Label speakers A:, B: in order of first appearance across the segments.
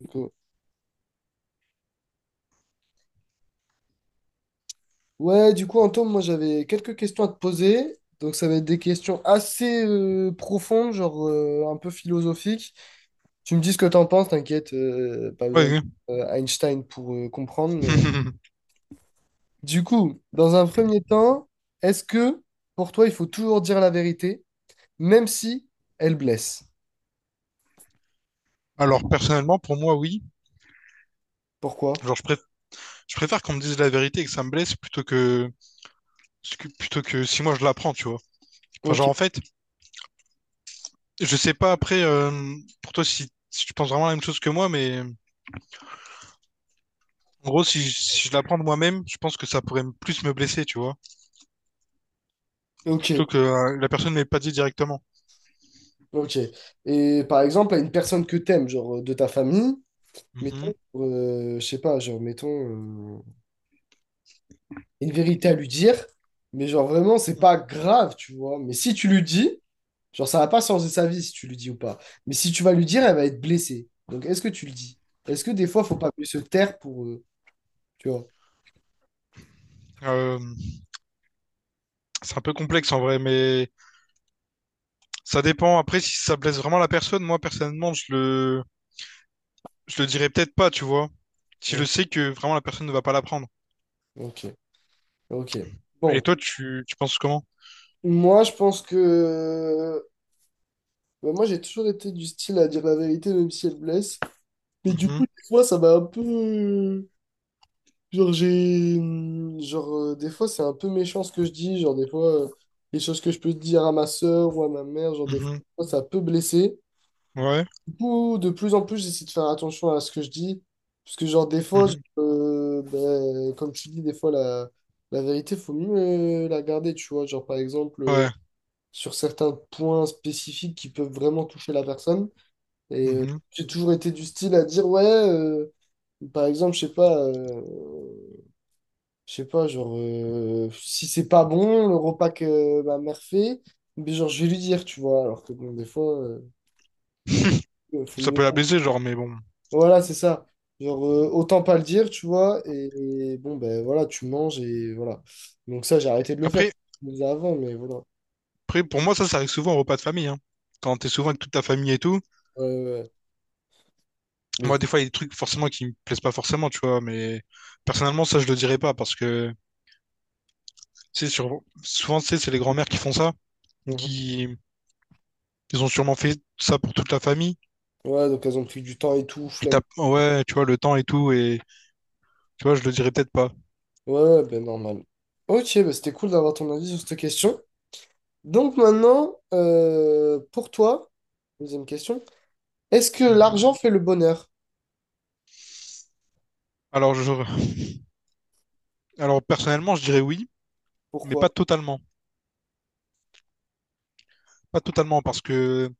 A: Donc, ouais, du coup, Antoine, moi j'avais quelques questions à te poser. Donc, ça va être des questions assez profondes, genre un peu philosophiques. Tu me dis ce que t'en penses, t'inquiète, pas besoin
B: Oui.
A: d'Einstein pour comprendre.
B: Ouais.
A: Mais du coup, dans un premier temps, est-ce que pour toi il faut toujours dire la vérité, même si elle blesse?
B: Alors, personnellement, pour moi, oui.
A: Pourquoi?
B: Genre, je préfère qu'on me dise la vérité et que ça me blesse plutôt que, plutôt que si moi je l'apprends, tu vois. Enfin,
A: Ok,
B: genre, en fait, je sais pas après, pour toi, si tu penses vraiment la même chose que moi, mais en gros, si, si je l'apprends de moi-même, je pense que ça pourrait plus me blesser, tu vois.
A: ok,
B: Plutôt que la personne ne m'ait pas dit directement.
A: ok. Et par exemple, à une personne que t'aimes, genre de ta famille,
B: Mhm.
A: mettons, je sais pas, genre mettons, une vérité à lui dire, mais genre vraiment, c'est pas grave, tu vois. Mais si tu lui dis, genre ça va pas changer sa vie si tu lui dis ou pas. Mais si tu vas lui dire, elle va être blessée. Donc est-ce que tu le dis? Est-ce que des fois, faut pas mieux se taire pour, tu vois?
B: Euh, c'est un peu complexe en vrai, mais ça dépend. Après, si ça blesse vraiment la personne, moi, personnellement, je le dirais peut-être pas, tu vois. Si je
A: Bon.
B: sais que vraiment la personne ne va pas l'apprendre.
A: Ok, ok.
B: Et
A: Bon,
B: toi, tu penses comment?
A: moi je pense que bah, moi j'ai toujours été du style à dire la vérité même si elle blesse. Mais du
B: Mhm,
A: coup, des fois, ça m'a un peu... Genre, j'ai. Genre, des fois, c'est un peu méchant ce que je dis. Genre, des fois, les choses que je peux dire à ma sœur ou à ma mère, genre, des
B: mhm,
A: fois, ça peut blesser.
B: ouais,
A: Du coup, de plus en plus, j'essaie de faire attention à ce que je dis. Parce que, genre, des fois,
B: mhm,
A: ben, comme tu dis, des fois, la vérité, faut mieux la garder, tu vois. Genre, par exemple,
B: ouais,
A: sur certains points spécifiques qui peuvent vraiment toucher la personne. Et
B: mhm.
A: j'ai toujours été du style à dire, ouais. Par exemple, je sais pas, genre, si c'est pas bon, le repas que ma mère fait, mais genre, je vais lui dire, tu vois, alors que bon, des fois, genre, faut
B: Ça
A: mieux
B: peut la
A: pas.
B: blesser, genre, mais bon.
A: Voilà, c'est ça. Genre, autant pas le dire, tu vois, et bon, ben voilà, tu manges et voilà. Donc, ça, j'ai arrêté de le faire.
B: Après,
A: Je le faisais avant, mais voilà.
B: après, pour moi, ça arrive souvent au repas de famille, hein. Quand t'es souvent avec toute ta famille et tout.
A: Ouais, ouais, ouais. Mais,
B: Moi, des fois, il y a des trucs forcément qui me plaisent pas forcément, tu vois, mais personnellement, ça, je le dirais pas parce que, tu sais, souvent, tu sais, c'est les grands-mères qui font ça,
A: mhm.
B: qui, ils ont sûrement fait ça pour toute la famille.
A: Ouais, donc elles ont pris du temps et tout,
B: Et t'as,
A: flemme.
B: ouais, tu vois, le temps et tout, et tu vois, je le dirais peut-être pas.
A: Ouais, ouais, ben normal. Ok, ben c'était cool d'avoir ton avis sur cette question. Donc, maintenant, pour toi, deuxième question. Est-ce que
B: Mhm.
A: l'argent fait le bonheur?
B: Alors, je, alors personnellement, je dirais oui, mais
A: Pourquoi?
B: pas totalement. Pas totalement, parce que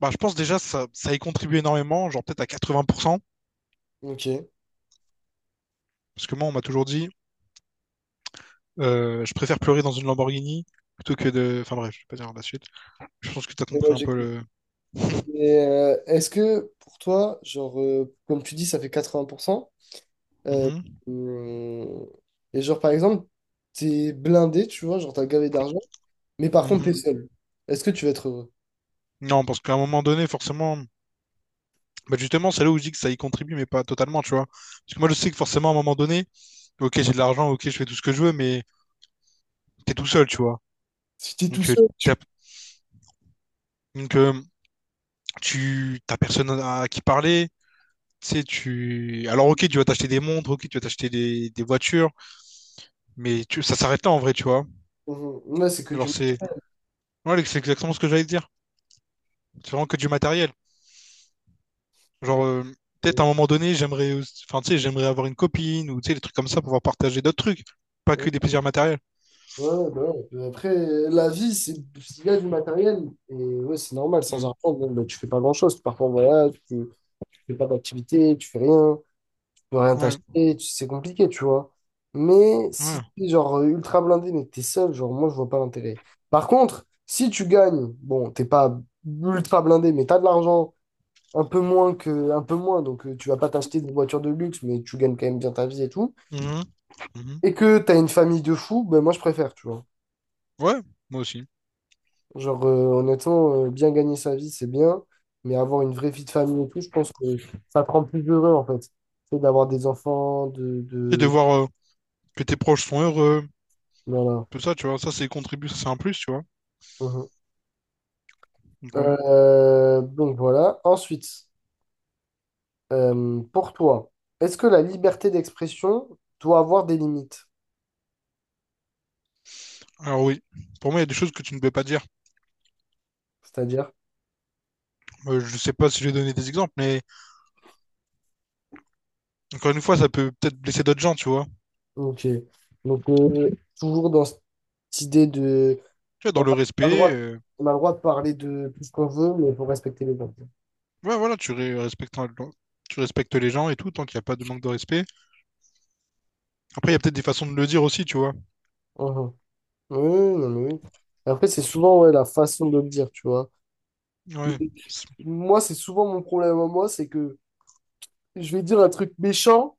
B: bah, je pense déjà ça, ça y contribue énormément, genre peut-être à 80%.
A: Ok. Et
B: Parce que moi, on m'a toujours dit, je préfère pleurer dans une Lamborghini plutôt que de... Enfin bref, je vais pas dire la suite. Je pense que tu as compris
A: ouais,
B: un
A: j'ai
B: peu
A: compris.
B: le...
A: Et, est-ce que pour toi, genre, comme tu dis, ça fait 80%, euh,
B: Mhm,
A: hum, et genre, par exemple, t'es blindé, tu vois, genre, t'as gavé d'argent, mais par contre,
B: mhm.
A: t'es seul. Est-ce que tu vas être heureux?
B: Non, parce qu'à un moment donné, forcément, bah, justement, c'est là où je dis que ça y contribue, mais pas totalement, tu vois. Parce que moi, je sais que forcément, à un moment donné, ok, j'ai de l'argent, ok, je fais tout ce que je veux, mais t'es tout seul, tu vois.
A: Si t'es tout
B: Donc, euh,
A: seul,
B: t'as,
A: tu...
B: donc, tu t'as personne à qui parler. Tu sais, tu... Alors, ok, tu vas t'acheter des montres, ok, tu vas t'acheter des voitures, mais tu... ça s'arrête là en vrai, tu vois.
A: Mhm. Ouais, c'est que du...
B: Genre, c'est ouais, c'est exactement ce que j'allais te dire. C'est vraiment que du matériel.
A: Donc,
B: Genre, peut-être à
A: euh,
B: un moment donné, enfin, tu sais, j'aimerais avoir une copine ou tu sais, des trucs comme ça pour pouvoir partager d'autres trucs, pas
A: ouais,
B: que des plaisirs matériels.
A: ouais, ouais, bah ouais. Après, la vie, c'est il y a du matériel, et ouais, c'est normal, sans
B: Mm.
A: argent, bon, bah, tu fais pas grand-chose. Tu pars en voyage, tu fais pas d'activité, tu fais rien. Peux rien
B: Ouais,
A: t'acheter, tu- c'est compliqué, tu vois. Mais si
B: ouais.
A: t'es genre ultra blindé, mais que t'es seul, genre moi je vois pas l'intérêt. Par contre, si tu gagnes, bon, t'es pas ultra blindé, mais t'as de l'argent un peu moins, donc tu vas pas t'acheter des voitures de luxe, mais tu gagnes quand même bien ta vie et tout,
B: Mhm. Mhm.
A: et que t'as une famille de fous, ben moi je préfère, tu vois.
B: Ouais, moi aussi.
A: Genre honnêtement, bien gagner sa vie, c'est bien, mais avoir une vraie vie de famille et tout, je pense que ça te rend plus heureux en fait. C'est d'avoir des enfants,
B: Et de
A: de...
B: voir que tes proches sont heureux.
A: Voilà.
B: Tout ça, tu vois. Ça, c'est contribuer, ça, c'est un plus, tu vois. Donc, ouais.
A: Donc voilà. Ensuite, pour toi, est-ce que la liberté d'expression doit avoir des limites?
B: Alors oui, pour moi, il y a des choses que tu ne peux pas dire.
A: C'est-à-dire,
B: Je sais pas si j'ai donné des exemples, mais encore une fois, ça peut peut-être blesser d'autres gens, tu vois.
A: ok. Donc toujours dans cette idée de,
B: Tu vois, dans
A: voilà,
B: le
A: on a le
B: respect,
A: droit, on a le droit de parler de tout ce qu'on veut, mais il faut respecter les gens.
B: ouais, voilà, respectes, tu respectes les gens et tout, tant qu'il n'y a pas de manque de respect. Après, il y a peut-être des façons de le dire aussi, tu vois.
A: Mhm. Oui, non, mais oui. Après, c'est souvent ouais, la façon de le dire, tu vois.
B: Ouais. C'est-
A: Moi, c'est souvent mon problème à moi, c'est que je vais dire un truc méchant.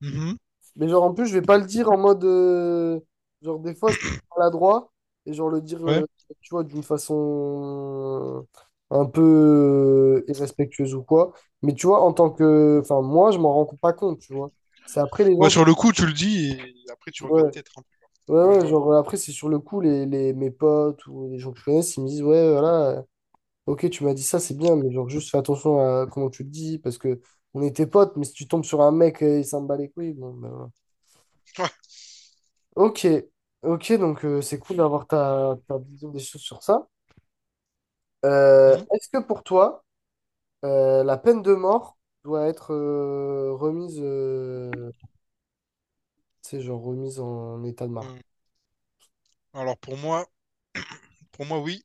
B: Mhm.
A: Mais genre, en plus, je vais pas le dire en mode, genre, des fois, je peux être maladroit et genre le dire,
B: Ouais.
A: tu vois, d'une façon un peu irrespectueuse ou quoi. Mais tu vois, en tant que... Enfin, moi, je m'en rends pas compte, tu vois. C'est après les
B: Ouais,
A: gens qui...
B: sur le coup, tu le dis et après, tu regrettes
A: Ouais,
B: peut-être un
A: ouais,
B: peu. Ouais, je
A: ouais,
B: vois.
A: genre, après, c'est sur le coup, mes potes ou les gens que je connais, ils me disent, ouais, voilà, ok, tu m'as dit ça, c'est bien, mais genre, juste fais attention à comment tu le dis parce que on était potes, mais si tu tombes sur un mec et il s'en bat les couilles, bon, ben...
B: Ouais.
A: Ok, ok, donc c'est cool d'avoir ta vision des choses sur ça.
B: Mhm.
A: Est-ce que pour toi, la peine de mort doit être remise, tu sais, genre remise en état de marche?
B: Euh, Alors pour moi, pour moi, oui,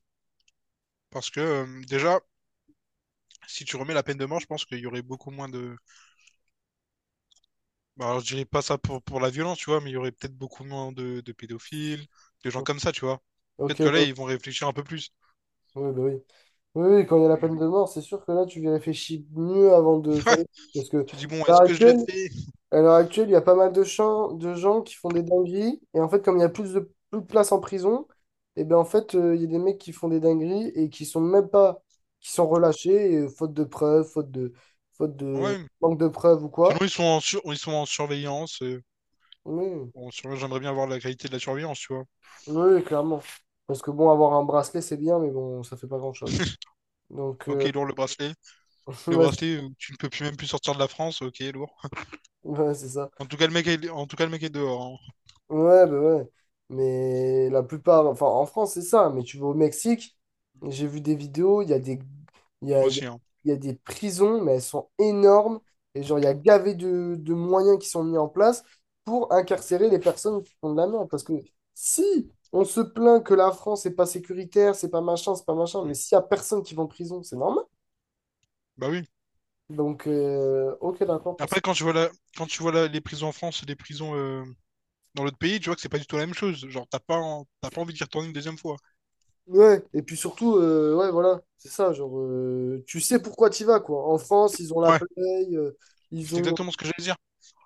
B: parce que déjà, si tu remets la peine de mort, je pense qu'il y aurait beaucoup moins de bah, alors, je dirais pas ça pour la violence, tu vois, mais il y aurait peut-être beaucoup moins de pédophiles, de gens comme ça, tu vois. Peut-être
A: Ok,
B: que là,
A: ouais,
B: ils vont réfléchir un peu plus.
A: ouais, bah oui. Oui, oui, quand il y a la
B: Oui.
A: peine de mort, c'est sûr que là, tu y réfléchis mieux avant de faire. Parce que
B: Tu dis, bon,
A: à l'heure
B: est-ce que je le
A: actuelle...
B: fais?
A: À l'heure actuelle, il y a pas mal de gens qui font des dingueries. Et en fait, comme il y a plus de place en prison, et ben en fait, il y a des mecs qui font des dingueries et qui sont même pas, qui sont relâchés, et, faute de preuves, faute de
B: Ouais.
A: manque de preuves ou
B: Sinon,
A: quoi.
B: ils sont en, ils sont en surveillance.
A: Oui,
B: J'aimerais bien avoir la qualité de la surveillance, tu vois.
A: oui, clairement. Parce que bon, avoir un bracelet, c'est bien, mais bon, ça fait pas grand-chose. Donc,
B: Ok, lourd le bracelet. Le
A: ouais, c'est
B: bracelet, tu ne peux plus même plus sortir de la France. Ok, lourd.
A: ouais, c'est ça.
B: En tout cas, en tout cas, le mec est dehors, hein.
A: Ouais, bah ouais. Mais la plupart, enfin en France, c'est ça. Mais tu vas au Mexique, j'ai vu des vidéos, il y a,
B: Moi
A: il y a
B: aussi, hein.
A: il y a des prisons, mais elles sont énormes. Et genre, il y a gavé de moyens qui sont mis en place pour incarcérer les personnes qui font de la merde. Parce que si on se plaint que la France n'est pas sécuritaire, c'est pas machin, mais
B: Mm.
A: s'il y a personne qui va en prison, c'est normal.
B: Bah oui.
A: Donc, ok, d'accord pour ça.
B: Après, quand tu vois les prisons en France et les prisons dans l'autre pays, tu vois que c'est pas du tout la même chose. Genre, t'as pas envie d'y retourner une deuxième fois.
A: Ouais, et puis surtout, ouais, voilà, c'est ça, genre, tu sais pourquoi tu vas, quoi. En France, ils ont la
B: Ouais,
A: Play, euh, ils
B: c'est
A: ont,
B: exactement ce que j'allais dire.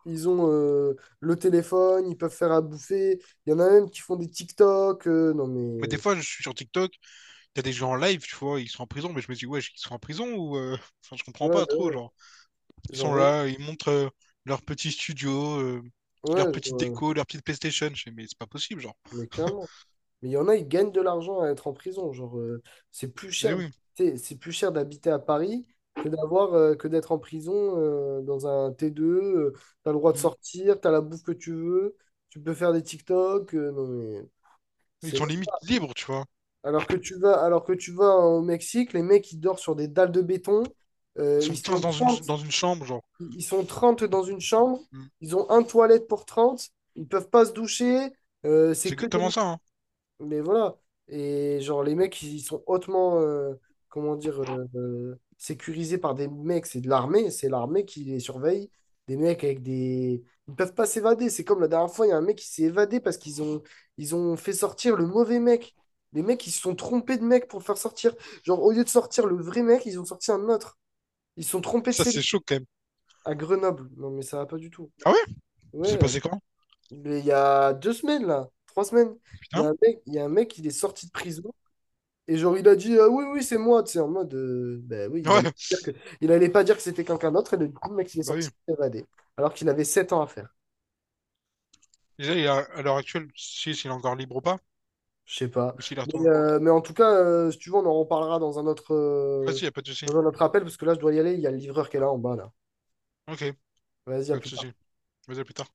A: ils ont le téléphone, ils peuvent faire à bouffer. Il y en a même qui font des TikTok. Non,
B: Mais des
A: mais,
B: fois, je suis sur TikTok, il y a des gens en live, tu vois, ils sont en prison, mais je me dis, ouais, ils sont en prison ou enfin, je comprends
A: Ouais,
B: pas trop, genre. Ils
A: genre,
B: sont
A: vraiment,
B: là, ils montrent leur petit studio, leur
A: ouais, genre,
B: petite déco, leur petite PlayStation. Je fais, mais c'est pas possible, genre.
A: mais clairement. Mais il y en a, ils gagnent de l'argent à être en prison. Genre,
B: Mais oui.
A: c'est plus cher d'habiter à Paris que d'avoir, que d'être en prison dans un T2. Tu t'as le droit de
B: Mm.
A: sortir, t'as la bouffe que tu veux, tu peux faire des TikTok. Non, mais
B: Ils
A: c'est le-.
B: sont limite libres, tu vois.
A: Alors que alors que tu vas au Mexique, les mecs, ils dorment sur des dalles de béton.
B: Ils
A: euh, ils
B: sont 15
A: sont 30
B: dans une chambre, genre.
A: Ils sont 30 dans une chambre.
B: Mm.
A: Ils ont un toilette pour 30. Ils peuvent pas se doucher. C'est
B: C'est
A: que
B: exactement ça, hein.
A: Mais voilà. Et genre, les mecs, ils sont hautement, comment dire, sécurisés par des mecs. C'est de l'armée, c'est l'armée qui les surveille. Des mecs avec des... Ils ne peuvent pas s'évader. C'est comme la dernière fois, il y a un mec qui s'est évadé parce ils ont fait sortir le mauvais mec. Les mecs, ils se sont trompés de mec pour le faire sortir. Genre, au lieu de sortir le vrai mec, ils ont sorti un autre. Ils se sont trompés de
B: Ça,
A: cellule
B: c'est chaud quand même.
A: à Grenoble. Non, mais ça va pas du tout.
B: Ah ouais? C'est
A: Ouais,
B: passé quand?
A: mais il y a 2 semaines, là, 3 semaines,
B: Putain.
A: il y a un mec, il est sorti de prison. Et genre, il a dit «Ah oui, oui, c'est moi», tu sais, en mode, ben oui,
B: Ouais,
A: il allait pas dire que c'était quelqu'un d'autre, et du coup, le mec, il est
B: bah oui.
A: sorti évadé, alors qu'il avait 7 ans à faire.
B: Déjà, à l'heure actuelle, si sais s'il est encore libre ou pas,
A: Je sais pas.
B: ou s'il est retourné.
A: Mais en tout cas, si tu veux, on en reparlera
B: Vas-y, y a pas de souci.
A: dans un autre appel, parce que là, je dois y aller, il y a le livreur qui est là en bas, là.
B: Ok,
A: Vas-y, à
B: pas de
A: plus tard.
B: souci. Vas-y, à plus tard.